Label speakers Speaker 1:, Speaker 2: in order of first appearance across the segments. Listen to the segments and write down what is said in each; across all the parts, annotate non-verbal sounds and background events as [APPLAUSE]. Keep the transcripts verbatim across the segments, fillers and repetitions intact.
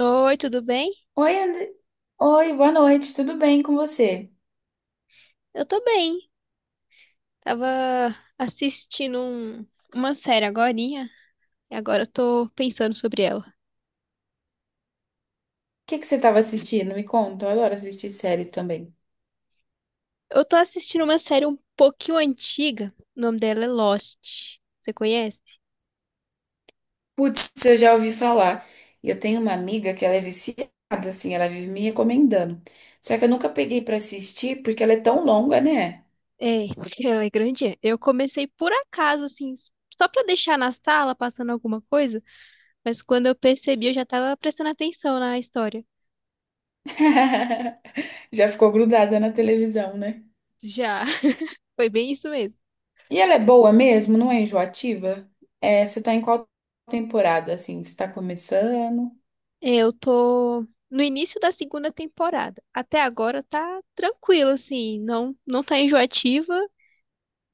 Speaker 1: Oi, tudo bem?
Speaker 2: Oi, Ande- Oi, boa noite, tudo bem com você?
Speaker 1: Eu tô bem. Tava assistindo um- uma série agorinha, e agora eu tô pensando sobre ela.
Speaker 2: O que que você estava assistindo? Me conta, eu adoro assistir série também.
Speaker 1: Eu tô assistindo uma série um pouquinho antiga. O nome dela é Lost. Você conhece?
Speaker 2: Putz, eu já ouvi falar. E eu tenho uma amiga que ela é viciada, assim, ela vive me recomendando. Só que eu nunca peguei pra assistir porque ela é tão longa, né?
Speaker 1: É, [LAUGHS] ela é grandinha. Eu comecei por acaso, assim, só pra deixar na sala passando alguma coisa, mas quando eu percebi, eu já tava prestando atenção na história.
Speaker 2: [LAUGHS] Já ficou grudada na televisão, né?
Speaker 1: Já, [LAUGHS] foi bem isso mesmo.
Speaker 2: E ela é boa mesmo, não é enjoativa? É, você tá em qual temporada, assim? Você tá começando?
Speaker 1: É, eu tô no início da segunda temporada. Até agora tá tranquilo, assim, não não tá enjoativa,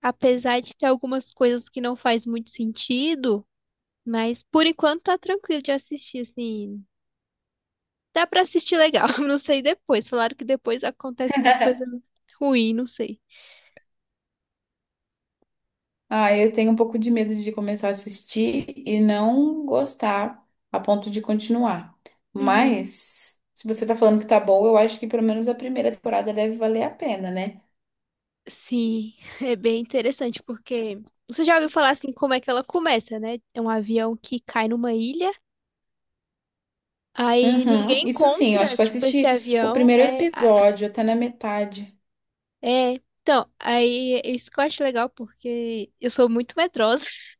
Speaker 1: apesar de ter algumas coisas que não faz muito sentido, mas por enquanto tá tranquilo de assistir, assim. Dá pra assistir legal, [LAUGHS] não sei depois. Falaram que depois acontece umas coisas ruins, não sei.
Speaker 2: Ah, eu tenho um pouco de medo de começar a assistir e não gostar a ponto de continuar.
Speaker 1: Uhum.
Speaker 2: Mas, se você tá falando que tá boa, eu acho que pelo menos a primeira temporada deve valer a pena, né?
Speaker 1: Sim, é bem interessante porque você já ouviu falar assim como é que ela começa, né? É um avião que cai numa ilha. Aí
Speaker 2: Uhum,
Speaker 1: ninguém
Speaker 2: isso sim, eu acho
Speaker 1: encontra,
Speaker 2: que eu
Speaker 1: tipo, esse
Speaker 2: assisti o
Speaker 1: avião.
Speaker 2: primeiro
Speaker 1: É, a-
Speaker 2: episódio, até na metade.
Speaker 1: é. Então, aí isso que eu acho legal, porque eu sou muito medrosa. [LAUGHS]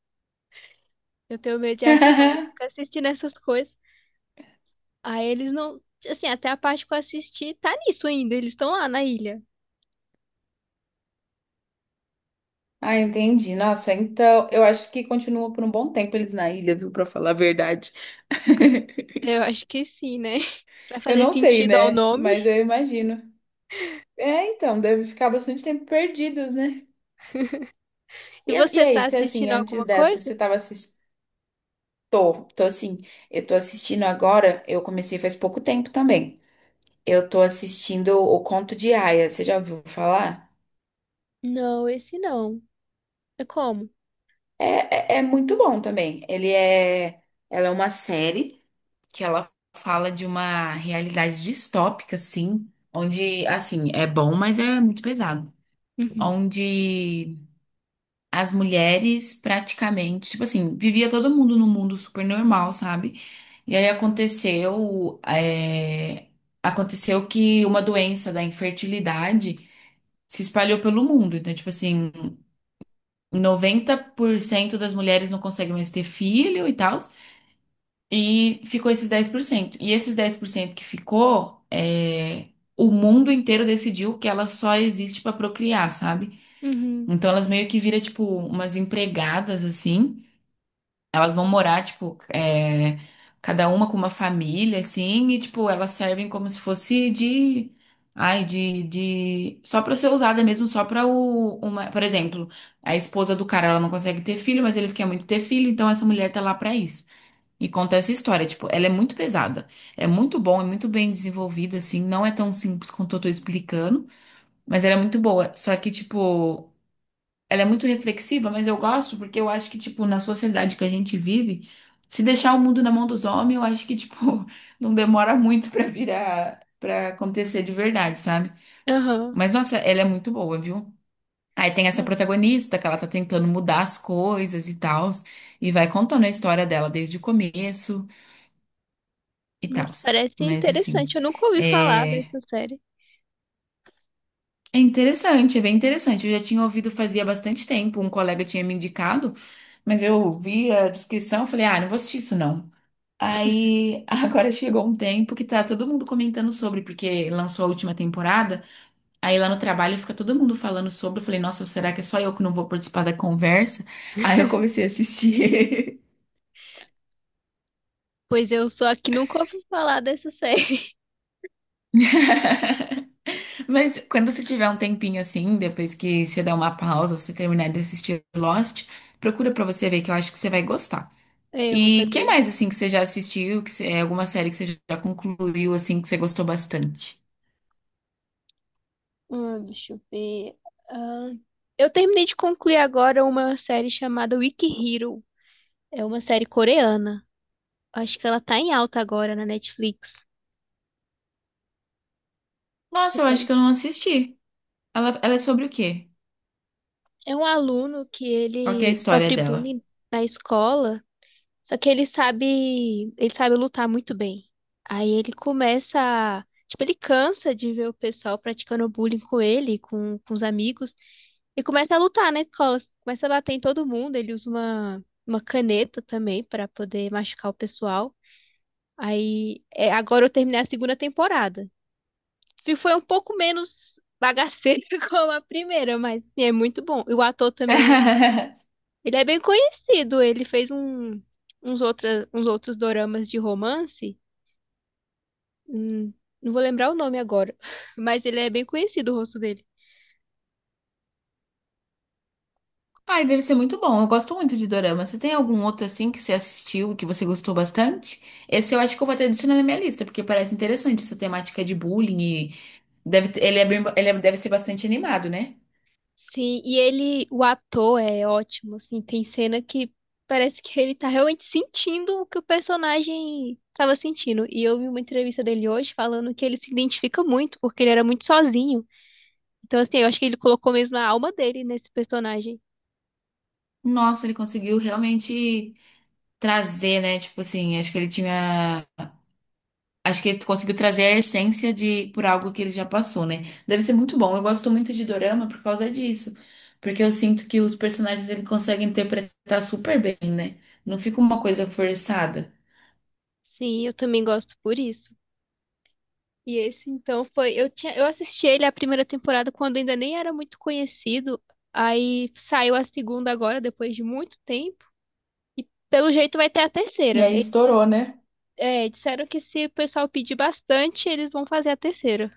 Speaker 1: Eu tenho medo de avião, aí eu fico
Speaker 2: [LAUGHS]
Speaker 1: assistindo essas coisas. Aí eles não. Assim, até a parte que eu assisti tá nisso ainda. Eles estão lá na ilha.
Speaker 2: Ah, entendi. Nossa, então eu acho que continua por um bom tempo eles na ilha, viu? Pra falar a verdade. [LAUGHS]
Speaker 1: Eu acho que sim, né? [LAUGHS] Pra
Speaker 2: Eu
Speaker 1: fazer
Speaker 2: não sei,
Speaker 1: sentido ao
Speaker 2: né? Mas
Speaker 1: nome.
Speaker 2: eu imagino. É, então, deve ficar bastante tempo perdidos, né?
Speaker 1: E
Speaker 2: E, a- e
Speaker 1: você tá
Speaker 2: aí, se assim,
Speaker 1: assistindo
Speaker 2: antes
Speaker 1: alguma
Speaker 2: dessa,
Speaker 1: coisa?
Speaker 2: você tava assistindo. Tô, tô assim, eu tô assistindo agora, eu comecei faz pouco tempo também. Eu tô assistindo O Conto de Aia, você já ouviu falar?
Speaker 1: Não, esse não. É como?
Speaker 2: É, é, é muito bom também. Ele é. Ela é uma série que ela fala de uma realidade distópica, assim, onde, assim, é bom, mas é muito pesado.
Speaker 1: Uhum.
Speaker 2: Onde as mulheres praticamente, tipo assim, vivia todo mundo num mundo super normal, sabe? E aí aconteceu, é, aconteceu que uma doença da infertilidade se espalhou pelo mundo. Então, tipo assim, noventa por cento das mulheres não conseguem mais ter filho e tal, e ficou esses dez por cento. E esses dez por cento que ficou, é, o mundo inteiro decidiu que ela só existe pra procriar, sabe?
Speaker 1: Uhum.
Speaker 2: Então elas meio que viram, tipo, umas empregadas assim. Elas vão morar, tipo, é, cada uma com uma família, assim, e, tipo, elas servem como se fosse de. Ai, de, de... Só pra ser usada mesmo, só pra o... Uma... Por exemplo, a esposa do cara, ela não consegue ter filho, mas eles querem muito ter filho, então essa mulher tá lá pra isso. E conta essa história, tipo, ela é muito pesada. É muito bom, é muito bem desenvolvida, assim, não é tão simples quanto eu tô explicando, mas ela é muito boa. Só que, tipo, ela é muito reflexiva, mas eu gosto porque eu acho que, tipo, na sociedade que a gente vive, se deixar o mundo na mão dos homens, eu acho que, tipo, [LAUGHS] não demora muito pra virar, pra acontecer de verdade, sabe?
Speaker 1: Aham.
Speaker 2: Mas, nossa, ela é muito boa, viu? Aí tem essa protagonista que ela tá tentando mudar as coisas e tal, e vai contando a história dela desde o começo e tal.
Speaker 1: Nossa, parece
Speaker 2: Mas, assim,
Speaker 1: interessante. Eu nunca ouvi falar
Speaker 2: é,
Speaker 1: dessa série.
Speaker 2: é interessante, é bem interessante. Eu já tinha ouvido fazia bastante tempo, um colega tinha me indicado, mas eu vi a descrição e falei, ah, não vou assistir isso não. Aí [LAUGHS] agora chegou um tempo que tá todo mundo comentando sobre, porque lançou a última temporada. Aí lá no trabalho fica todo mundo falando sobre. Eu falei, nossa, será que é só eu que não vou participar da conversa? [LAUGHS] Aí eu
Speaker 1: [LAUGHS]
Speaker 2: comecei a assistir.
Speaker 1: Pois eu sou a que nunca ouvi falar dessa série. [LAUGHS]
Speaker 2: [LAUGHS] Mas quando você tiver um tempinho assim, depois que você der uma pausa, você terminar de assistir Lost, procura pra você ver que eu acho que você vai gostar.
Speaker 1: É, eu vou
Speaker 2: E
Speaker 1: fazer
Speaker 2: que mais
Speaker 1: isso.
Speaker 2: assim que você já assistiu, que você- é alguma série que você já concluiu assim que você gostou bastante?
Speaker 1: Ah, deixa eu ver. Ah, eu terminei de concluir agora uma série chamada Wiki Hero. É uma série coreana. Acho que ela tá em alta agora na Netflix. Tu
Speaker 2: Nossa, eu acho
Speaker 1: conhece?
Speaker 2: que eu não assisti. Ela, ela é sobre o quê?
Speaker 1: É um aluno que
Speaker 2: Qual que é a
Speaker 1: ele
Speaker 2: história
Speaker 1: sofre
Speaker 2: dela?
Speaker 1: bullying na escola, só que ele sabe, ele sabe lutar muito bem. Aí ele começa a, tipo, ele cansa de ver o pessoal praticando bullying com ele, com, com os amigos. E começa a lutar na escola, começa a bater em todo mundo. Ele usa uma, uma caneta também pra poder machucar o pessoal. Aí, é, agora eu terminei a segunda temporada. Fi- Foi um pouco menos bagaceiro [LAUGHS] como a primeira, mas assim, é muito bom. E o ator também é.
Speaker 2: [LAUGHS]
Speaker 1: Ele é bem conhecido, ele fez um, uns, outras, uns outros doramas de romance. Hum, não vou lembrar o nome agora, [LAUGHS] mas ele é bem conhecido, o rosto dele.
Speaker 2: Ai, deve ser muito bom. Eu gosto muito de dorama. Você tem algum outro assim que você assistiu e que você gostou bastante? Esse eu acho que eu vou até adicionar na minha lista, porque parece interessante essa temática de bullying e deve, ter- ele é bem- ele é- deve ser bastante animado, né?
Speaker 1: Sim, e ele, o ator é ótimo, assim, tem cena que parece que ele tá realmente sentindo o que o personagem tava sentindo. E eu vi uma entrevista dele hoje falando que ele se identifica muito, porque ele era muito sozinho. Então, assim, eu acho que ele colocou mesmo a alma dele nesse personagem.
Speaker 2: Nossa, ele conseguiu realmente trazer, né? Tipo assim, acho que ele tinha acho que ele conseguiu trazer a essência de por algo que ele já passou, né? Deve ser muito bom. Eu gosto muito de dorama por causa disso, porque eu sinto que os personagens ele consegue interpretar super bem, né? Não fica uma coisa forçada.
Speaker 1: Sim, eu também gosto por isso. E esse, então, foi. Eu tinha, eu assisti ele a primeira temporada quando ainda nem era muito conhecido. Aí saiu a segunda agora, depois de muito tempo. E pelo jeito vai ter a
Speaker 2: E
Speaker 1: terceira.
Speaker 2: aí
Speaker 1: Eles.
Speaker 2: estourou, né?
Speaker 1: É, disseram que se o pessoal pedir bastante, eles vão fazer a terceira.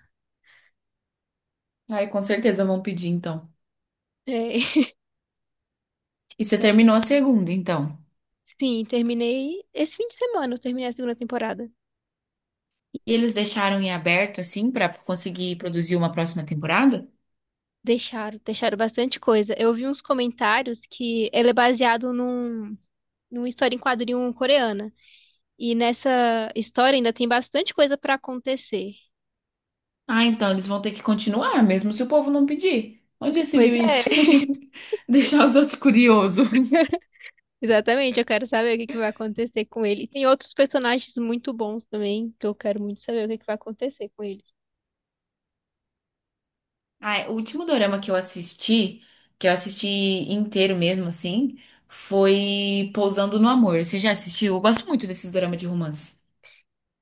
Speaker 2: Aí com certeza vão pedir então.
Speaker 1: É, [LAUGHS]
Speaker 2: E você
Speaker 1: eu acho
Speaker 2: terminou a segunda, então.
Speaker 1: que sim, terminei esse fim de semana, eu terminei a segunda temporada.
Speaker 2: E eles deixaram em aberto assim pra conseguir produzir uma próxima temporada?
Speaker 1: Deixaram, deixaram bastante coisa. Eu vi uns comentários que ele é baseado num, numa história em quadrinho coreana. E nessa história ainda tem bastante coisa pra acontecer.
Speaker 2: Ah, então eles vão ter que continuar, mesmo se o povo não pedir. Onde já se
Speaker 1: Pois
Speaker 2: viu
Speaker 1: é,
Speaker 2: isso?
Speaker 1: [LAUGHS]
Speaker 2: [LAUGHS] Deixar os outros curiosos.
Speaker 1: exatamente. Eu quero saber o que que vai acontecer com ele. E tem outros personagens muito bons também, que eu quero muito saber o que que vai acontecer com ele.
Speaker 2: Ah, o último dorama que eu assisti, que eu assisti inteiro mesmo, assim, foi Pousando no Amor. Você já assistiu? Eu gosto muito desses doramas de romance.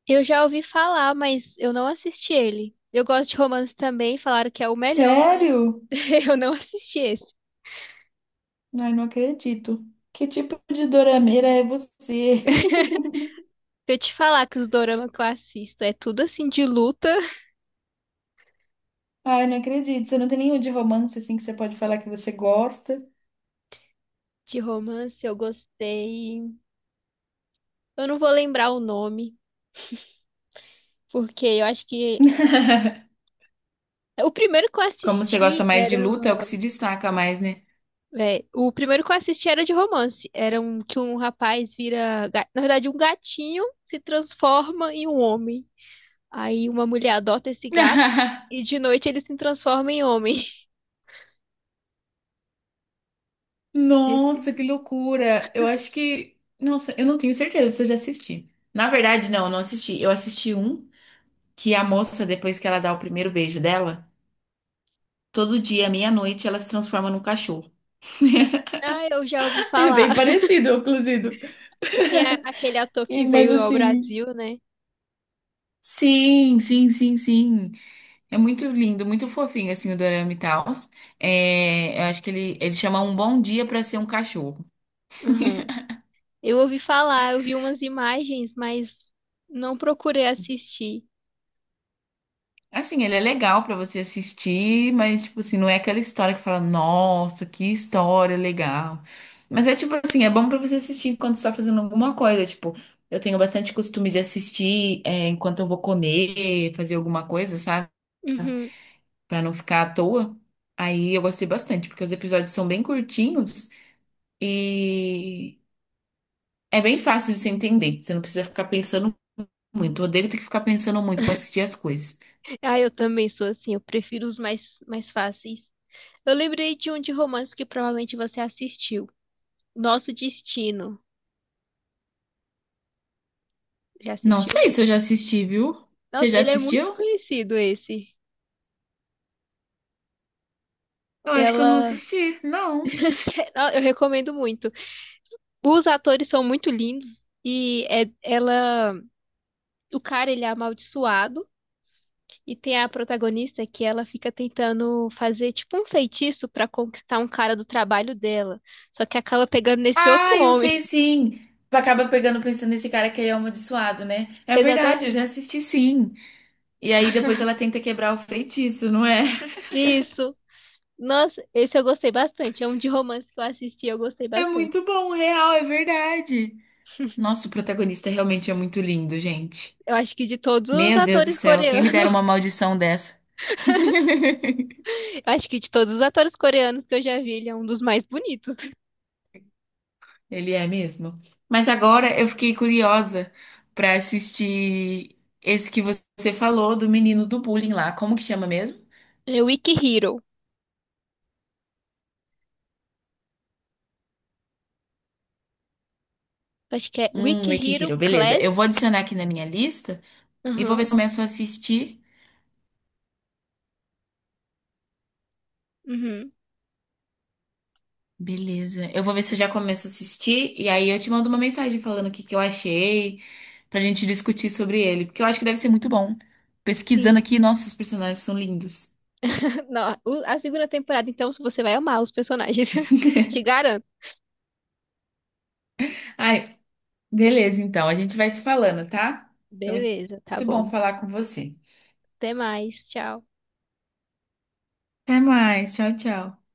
Speaker 1: Eu já ouvi falar, mas eu não assisti ele. Eu gosto de romance também, falaram que é o melhor, mas
Speaker 2: Sério?
Speaker 1: [LAUGHS] eu não assisti esse.
Speaker 2: Ai, não acredito. Que tipo de dorameira é você? [LAUGHS]
Speaker 1: [LAUGHS] Se eu te falar que os dorama que eu assisto é tudo assim de luta,
Speaker 2: Ai, não acredito. Você não tem nenhum de romance assim que você pode falar que você gosta?
Speaker 1: de romance, eu gostei. Eu não vou lembrar o nome, porque eu acho que
Speaker 2: [LAUGHS]
Speaker 1: o primeiro que eu
Speaker 2: Como você gosta
Speaker 1: assisti
Speaker 2: mais de
Speaker 1: era,
Speaker 2: luta, é o que se destaca mais, né?
Speaker 1: é, o primeiro que eu assisti era de romance, era um que um rapaz vira, ga- na verdade, um gatinho se transforma em um homem. Aí uma mulher adota esse gato
Speaker 2: [LAUGHS]
Speaker 1: e de noite ele se transforma em homem. [LAUGHS] Esse...
Speaker 2: Nossa, que loucura! Eu acho que. Nossa, eu não tenho certeza se eu já assisti. Na verdade, não, eu não assisti. Eu assisti um que a moça, depois que ela dá o primeiro beijo dela, todo dia, meia-noite, ela se transforma num cachorro.
Speaker 1: Ah, eu já ouvi
Speaker 2: [LAUGHS] É bem
Speaker 1: falar. [LAUGHS]
Speaker 2: parecido, inclusive.
Speaker 1: Que tem a- aquele ator
Speaker 2: [LAUGHS] E-
Speaker 1: que
Speaker 2: Mas
Speaker 1: veio ao
Speaker 2: assim.
Speaker 1: Brasil, né?
Speaker 2: Sim, sim, sim, sim. É muito lindo, muito fofinho, assim, o Dorama e tal. Eu acho que ele, ele chama Um Bom Dia pra Ser um Cachorro.
Speaker 1: Uhum. Eu ouvi falar, eu vi umas imagens, mas não procurei assistir.
Speaker 2: Assim, ele é legal pra você assistir, mas, tipo assim, não é aquela história que fala, nossa, que história legal. Mas é tipo assim, é bom pra você assistir enquanto você tá fazendo alguma coisa. Tipo, eu tenho bastante costume de assistir, é, enquanto eu vou comer, fazer alguma coisa, sabe?
Speaker 1: Uhum.
Speaker 2: Pra não ficar à toa. Aí eu gostei bastante, porque os episódios são bem curtinhos e é bem fácil de você entender. Você não precisa ficar pensando muito. Eu odeio ter que ficar pensando muito pra assistir as coisas.
Speaker 1: Ah, eu também sou assim, eu prefiro os mais, mais fáceis. Eu lembrei de um de romance que provavelmente você assistiu. Nosso Destino. Já
Speaker 2: Não
Speaker 1: assistiu?
Speaker 2: sei se eu já assisti, viu? Você
Speaker 1: Nossa,
Speaker 2: já
Speaker 1: ele é muito
Speaker 2: assistiu?
Speaker 1: conhecido esse.
Speaker 2: Eu acho que eu não
Speaker 1: Ela.
Speaker 2: assisti. Não.
Speaker 1: [LAUGHS] Eu recomendo muito. Os atores são muito lindos e é- ela, o cara ele é amaldiçoado e tem a protagonista que ela fica tentando fazer tipo um feitiço pra conquistar um cara do trabalho dela, só que acaba pegando nesse outro
Speaker 2: Ah, eu
Speaker 1: homem.
Speaker 2: sei
Speaker 1: [LAUGHS]
Speaker 2: sim. Tu acaba pegando pensando nesse cara que ele é amaldiçoado, né? É verdade, eu já
Speaker 1: Exatamente.
Speaker 2: assisti sim. E aí depois ela tenta quebrar o feitiço, não é? [LAUGHS]
Speaker 1: Isso. Nossa, esse eu gostei bastante. É um de romance que eu assisti, eu gostei
Speaker 2: É
Speaker 1: bastante.
Speaker 2: muito bom, real, é verdade. Nossa, o protagonista realmente é muito lindo, gente.
Speaker 1: Eu acho que de todos os
Speaker 2: Meu Deus do
Speaker 1: atores
Speaker 2: céu, quem me dera
Speaker 1: coreanos,
Speaker 2: uma maldição dessa? [LAUGHS]
Speaker 1: [LAUGHS] eu acho que de todos os atores coreanos que eu já vi, ele é um dos mais bonitos.
Speaker 2: Ele é mesmo. Mas agora eu fiquei curiosa pra assistir esse que você falou do menino do bullying lá. Como que chama mesmo?
Speaker 1: É Wiki Hero. Acho que é
Speaker 2: Hum,
Speaker 1: Wiki
Speaker 2: Wiki
Speaker 1: Hero
Speaker 2: Hero, beleza. Eu vou
Speaker 1: Class.
Speaker 2: adicionar aqui na minha lista e vou ver
Speaker 1: Aham.
Speaker 2: se eu começo a assistir.
Speaker 1: Uhum.
Speaker 2: Beleza. Eu vou ver se eu já começo a assistir e aí eu te mando uma mensagem falando o que que eu achei, pra gente discutir sobre ele, porque eu acho que deve ser muito bom. Pesquisando
Speaker 1: Sim.
Speaker 2: aqui, nossa, os personagens são lindos.
Speaker 1: [LAUGHS] Não, o- a segunda temporada, então, você vai amar os personagens. [LAUGHS] Te garanto.
Speaker 2: Ai, beleza, então. A gente vai se falando, tá? Foi
Speaker 1: Beleza, tá
Speaker 2: muito bom
Speaker 1: bom.
Speaker 2: falar com você.
Speaker 1: Até mais. Tchau.
Speaker 2: Até mais. Tchau, tchau.